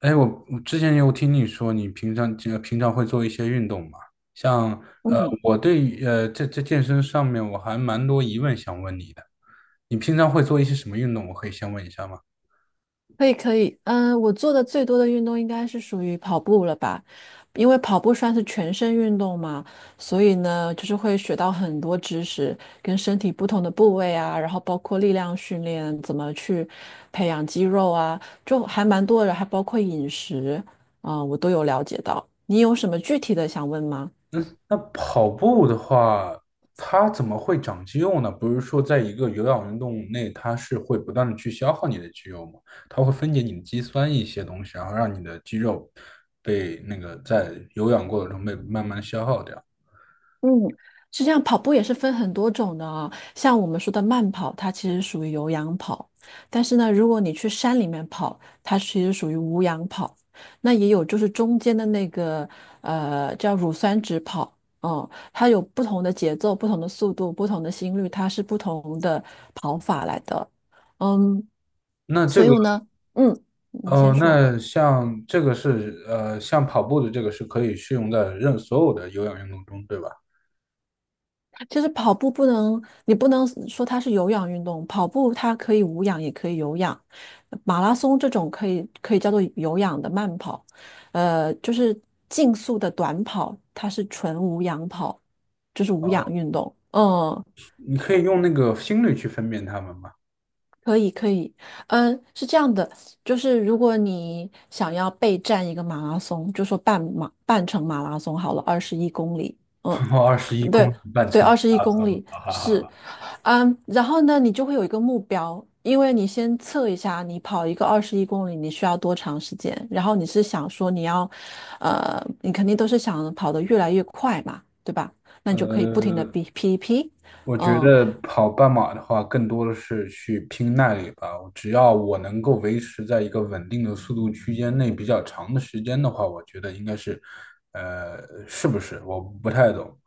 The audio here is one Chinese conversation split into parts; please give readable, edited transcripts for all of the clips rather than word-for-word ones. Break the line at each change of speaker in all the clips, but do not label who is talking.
哎，我之前有听你说，你平常会做一些运动嘛？像呃，我对呃这这健身上面我还蛮多疑问想问你的。你平常会做一些什么运动？我可以先问一下吗？
可以可以，嗯，我做的最多的运动应该是属于跑步了吧，因为跑步算是全身运动嘛，所以呢，就是会学到很多知识，跟身体不同的部位啊，然后包括力量训练，怎么去培养肌肉啊，就还蛮多的，还包括饮食，啊，我都有了解到。你有什么具体的想问吗？
那跑步的话，它怎么会长肌肉呢？不是说在一个有氧运动内，它是会不断的去消耗你的肌肉吗？它会分解你的肌酸一些东西，然后让你的肌肉被那个在有氧过程中被慢慢消耗掉。
嗯，是这样，跑步也是分很多种的啊。像我们说的慢跑，它其实属于有氧跑；但是呢，如果你去山里面跑，它其实属于无氧跑。那也有就是中间的那个叫乳酸值跑，嗯，它有不同的节奏、不同的速度、不同的心率，它是不同的跑法来的。嗯，
那
所
这个
以呢，嗯，你
哦，
先说。
那像这个是呃，像跑步的这个是可以适用在所有的有氧运动中，对吧？
其实跑步不能，你不能说它是有氧运动，跑步它可以无氧也可以有氧，马拉松这种可以叫做有氧的慢跑，就是竞速的短跑，它是纯无氧跑，就是无氧
哦，
运动。嗯，
你可以用那个心率去分辨它们吗？
可以可以，嗯，是这样的，就是如果你想要备战一个马拉松，就说半马半程马拉松好了，二十一公里，嗯，
跑二十一公
对。
里半
对，
程，
二十 一
哈
公里
哈哈
是
哈。
嗯，然后呢，你就会有一个目标，因为你先测一下，你跑一个二十一公里，你需要多长时间？然后你是想说你要，你肯定都是想跑得越来越快嘛，对吧？那你就可以不停的
呃，
比 P P，
我觉
嗯，
得跑半马的话，更多的是去拼耐力吧。只要我能够维持在一个稳定的速度区间内比较长的时间的话，我觉得应该是，是不是？我不太懂。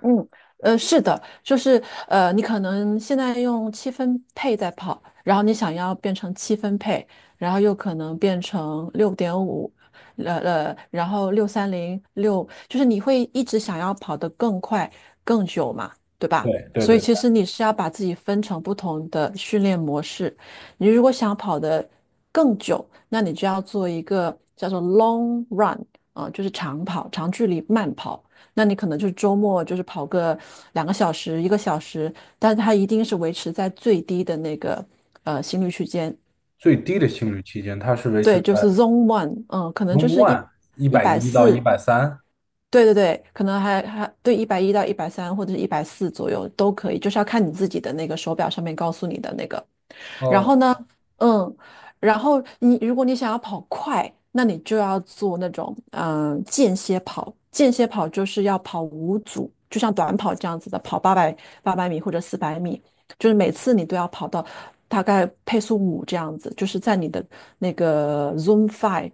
嗯，是的，就是你可能现在用七分配在跑，然后你想要变成七分配，然后又可能变成6.5，然后六三零六，就是你会一直想要跑得更快、更久嘛，对吧？
对对
所以
对，
其实你是要把自己分成不同的训练模式。你如果想跑得更久，那你就要做一个叫做 long run 啊、就是长跑、长距离慢跑。那你可能就是周末就是跑个2个小时、1个小时，但它一定是维持在最低的那个心率区间，
最低的心率区间，它是维持
对，就是
在。
Zone One，嗯，可能就
Zone
是一
One 一
一
百
百
一到一
四，
百三，
对对对，可能还对110到130或者一百四左右都可以，就是要看你自己的那个手表上面告诉你的那个然
哦
后呢，嗯，然后你如果想要跑快，那你就要做那种间歇跑。间歇跑就是要跑五组，就像短跑这样子的，跑八百米或者400米，就是每次你都要跑到大概配速五这样子，就是在你的那个 z o o m Five，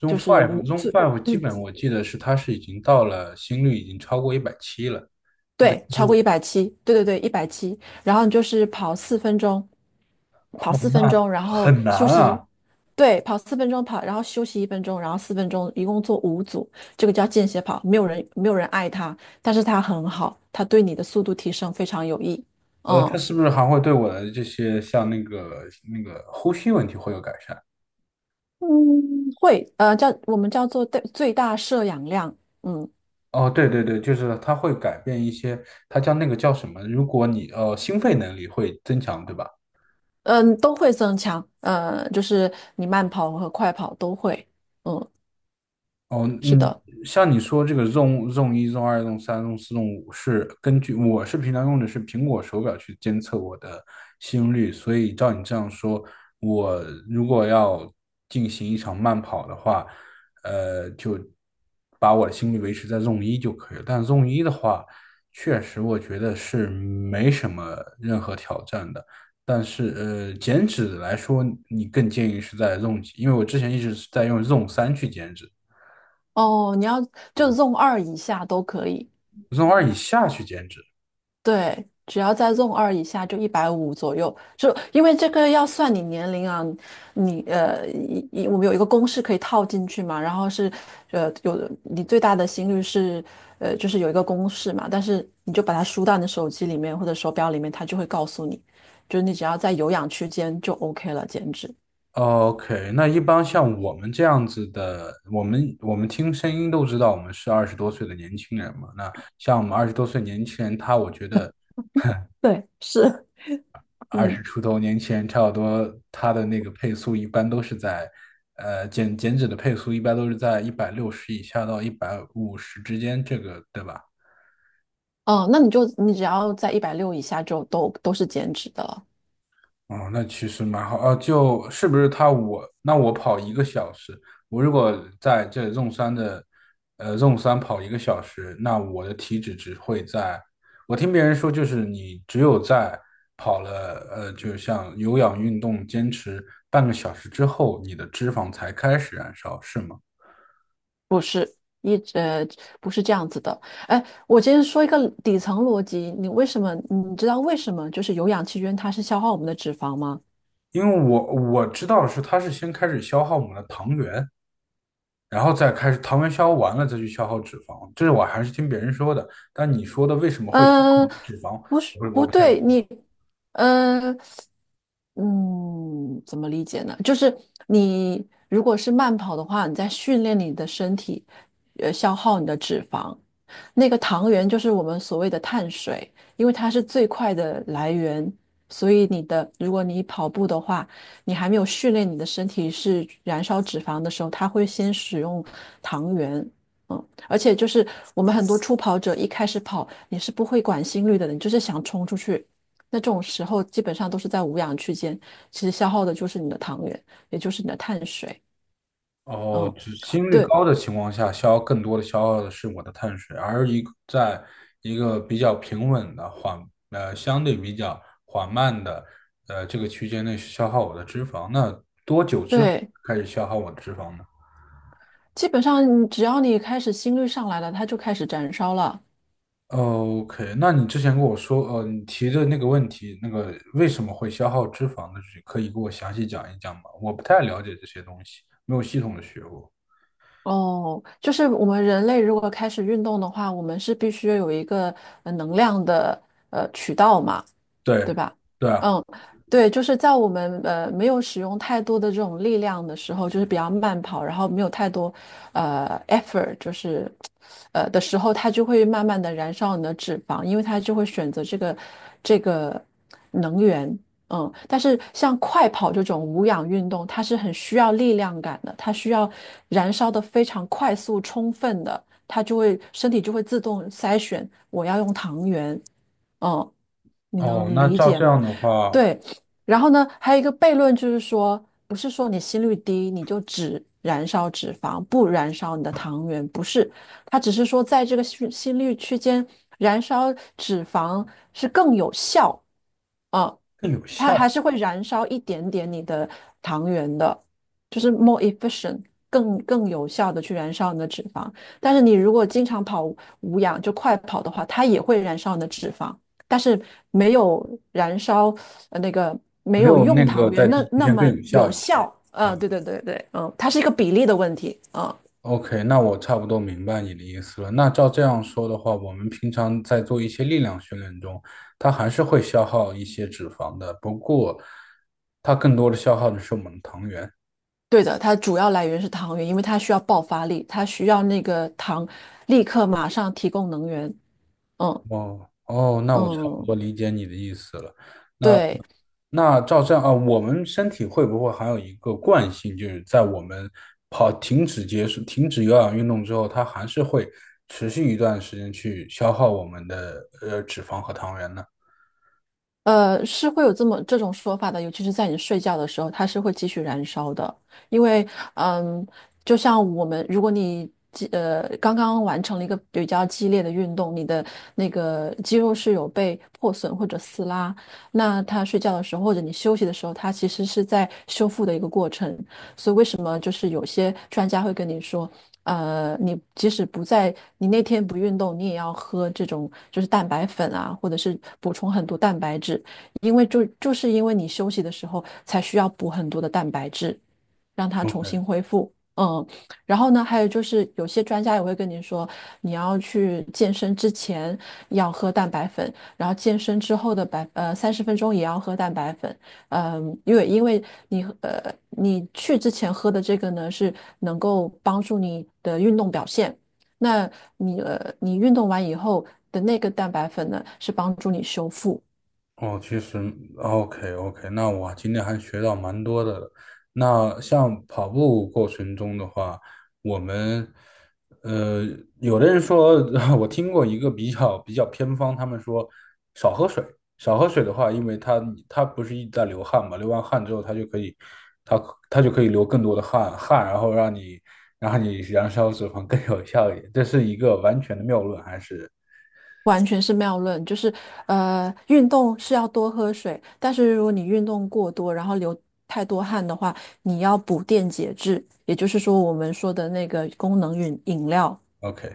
，Zone
就是
Five
五
Zone
最。
Five 基本我记得是它是已经到了心率已经超过一百七了，一百七
对，
十
超过
五，
一百七，对对对，一百七。然后你就是跑四分钟，
哦，那
然后
很难
休息，
啊。
对，跑四分钟，然后休息1分钟，然后四分钟，一共做五组，这个叫间歇跑，没有人爱它，但是它很好，它对你的速度提升非常有益。
它
嗯，
是不是还会对我的这些像那个呼吸问题会有改善？
会，我们叫做最大摄氧量，嗯
哦，对对对，就是它会改变一些，它叫那个叫什么？如果你心肺能力会增强，对吧？
嗯，都会增强，就是你慢跑和快跑都会，嗯，
哦，
是
嗯，
的。
像你说这个 Zone 一、Zone 二、Zone 三、Zone 四、Zone 五是根据我是平常用的是苹果手表去监测我的心率，所以照你这样说，我如果要进行一场慢跑的话，就把我的心率维持在 Zone 一就可以了。但 Zone 一的话，确实我觉得是没什么任何挑战的。但是减脂来说，你更建议是在 Zone 几？因为我之前一直是在用 Zone 三去减脂。
哦，你要就 Zone 二以下都可以，
从二以下去减脂。
对，只要在 Zone 二以下就150左右，就因为这个要算你年龄啊，你呃，一一我们有一个公式可以套进去嘛，然后是有你最大的心率是就是有一个公式嘛，但是你就把它输到你的手机里面或者手表里面，它就会告诉你，就是你只要在有氧区间就 OK 了，减脂。
OK，那一般像我们这样子的，我们听声音都知道我们是二十多岁的年轻人嘛。那像我们二十多岁年轻人，我觉得
对，是。
二十
嗯，
出头年轻人差不多，他的那个配速一般都是在，减脂的配速一般都是在160以下到150之间，这个对吧？
哦，那你只要在160以下就都是减脂的了。
哦，那其实蛮好啊，就是不是他我那我跑一个小时，我如果在这纵山的，纵山跑一个小时，那我的体脂只会在，我听别人说就是你只有在跑了，就像有氧运动坚持半个小时之后，你的脂肪才开始燃烧，是吗？
不是一直呃不是这样子的。哎，我今天说一个底层逻辑，你知道为什么就是有氧气圈它是消耗我们的脂肪吗？
因为我知道是它是先开始消耗我们的糖原，然后再开始糖原消耗完了再去消耗脂肪，这是我还是听别人说的。但你说的为什么会消耗
嗯，
脂肪，
不是，
我不我
不
不太懂。
对，你，嗯嗯，怎么理解呢？就是你如果是慢跑的话，你在训练你的身体，消耗你的脂肪。那个糖原就是我们所谓的碳水，因为它是最快的来源，所以你的，如果你跑步的话，你还没有训练你的身体是燃烧脂肪的时候，它会先使用糖原。嗯，而且就是我们很多初跑者一开始跑，你是不会管心率的，你就是想冲出去。那这种时候基本上都是在无氧区间，其实消耗的就是你的糖原，也就是你的碳水。
哦，
嗯，
只心率
对
高的情况下，消耗更多的消耗的是我的碳水，而一个比较平稳的相对比较缓慢的这个区间内消耗我的脂肪，那多久之后
对，
开始消耗我的脂肪呢？
基本上你只要你开始心率上来了，它就开始燃烧了。
哦 OK，那你之前跟我说，你提的那个问题，那个为什么会消耗脂肪的，可以给我详细讲一讲吗？我不太了解这些东西，没有系统的学过。
哦，就是我们人类如果开始运动的话，我们是必须有一个能量的渠道嘛。
对，
对吧？
对啊，
嗯，对，就是在我们没有使用太多的这种力量的时候，就是比较慢跑，然后没有太多effort，就是的时候，它就会慢慢的燃烧你的脂肪，因为它就会选择这个能源。嗯，但是像快跑这种无氧运动，它是很需要力量感的，它需要燃烧的非常快速、充分的。它就会身体就会自动筛选我要用糖原。嗯，你
哦，
能
那
理
照
解
这
吗？
样的话
对，然后呢，还有一个悖论就是说，不是说你心率低你就只燃烧脂肪，不燃烧你的糖原，不是，它只是说在这个心率区间燃烧脂肪是更有效。哦，
更有
它还
效，
是会燃烧一点点你的糖原的，就是 more efficient，更有效的去燃烧你的脂肪。但是你如果经常跑无氧，就快跑的话，它也会燃烧你的脂肪，但是没有燃烧那个没
没
有
有
用
那
糖
个在
原
地
那
区
那
线更
么
有效
有
一些。
效。
嗯
嗯，对对对对，嗯，它是一个比例的问题。嗯，
，OK，那我差不多明白你的意思了。那照这样说的话，我们平常在做一些力量训练中，它还是会消耗一些脂肪的，不过它更多的消耗的是我们的糖原。
对的，它主要来源是糖原，因为它需要爆发力，它需要那个糖立刻马上提供能源。嗯
哦哦，那我差不
嗯。
多理解你的意思了。
对，
那照这样啊，我们身体会不会还有一个惯性，就是在我们停止结束、停止有氧运动之后，它还是会持续一段时间去消耗我们的脂肪和糖原呢
是会有这种说法的，尤其是在你睡觉的时候，它是会继续燃烧的。因为，嗯，就像我们，如果你刚刚完成了一个比较激烈的运动，你的那个肌肉是有被破损或者撕拉，那它睡觉的时候或者你休息的时候，它其实是在修复的一个过程。所以为什么就是有些专家会跟你说？你即使不在，你那天不运动，你也要喝这种就是蛋白粉啊，或者是补充很多蛋白质，因为就是因为你休息的时候才需要补很多的蛋白质，让它重
？OK，
新恢复。嗯，然后呢，还有就是有些专家也会跟你说，你要去健身之前要喝蛋白粉，然后健身之后的30分钟也要喝蛋白粉，嗯，因为你你去之前喝的这个呢，是能够帮助你的运动表现。那你你运动完以后的那个蛋白粉呢，是帮助你修复，
哦，其实 OK OK，那我今天还学到蛮多的。那像跑步过程中的话，我们呃，有的人说，我听过一个比较偏方，他们说少喝水，少喝水的话，因为它不是一直在流汗嘛，流完汗之后它就可以，它它就可以流更多的汗，然后让你燃烧脂肪更有效一点，这是一个完全的谬论，还是？
完全是谬论。就是运动是要多喝水，但是如果你运动过多，然后流太多汗的话，你要补电解质，也就是说我们说的那个功能饮料。
OK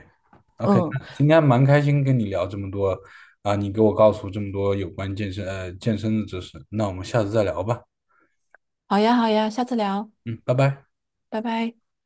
OK，
嗯，
今天蛮开心跟你聊这么多啊，你给我告诉这么多有关健身健身的知识，那我们下次再聊吧，
好呀，好呀，下次聊，
嗯，拜拜。
拜拜。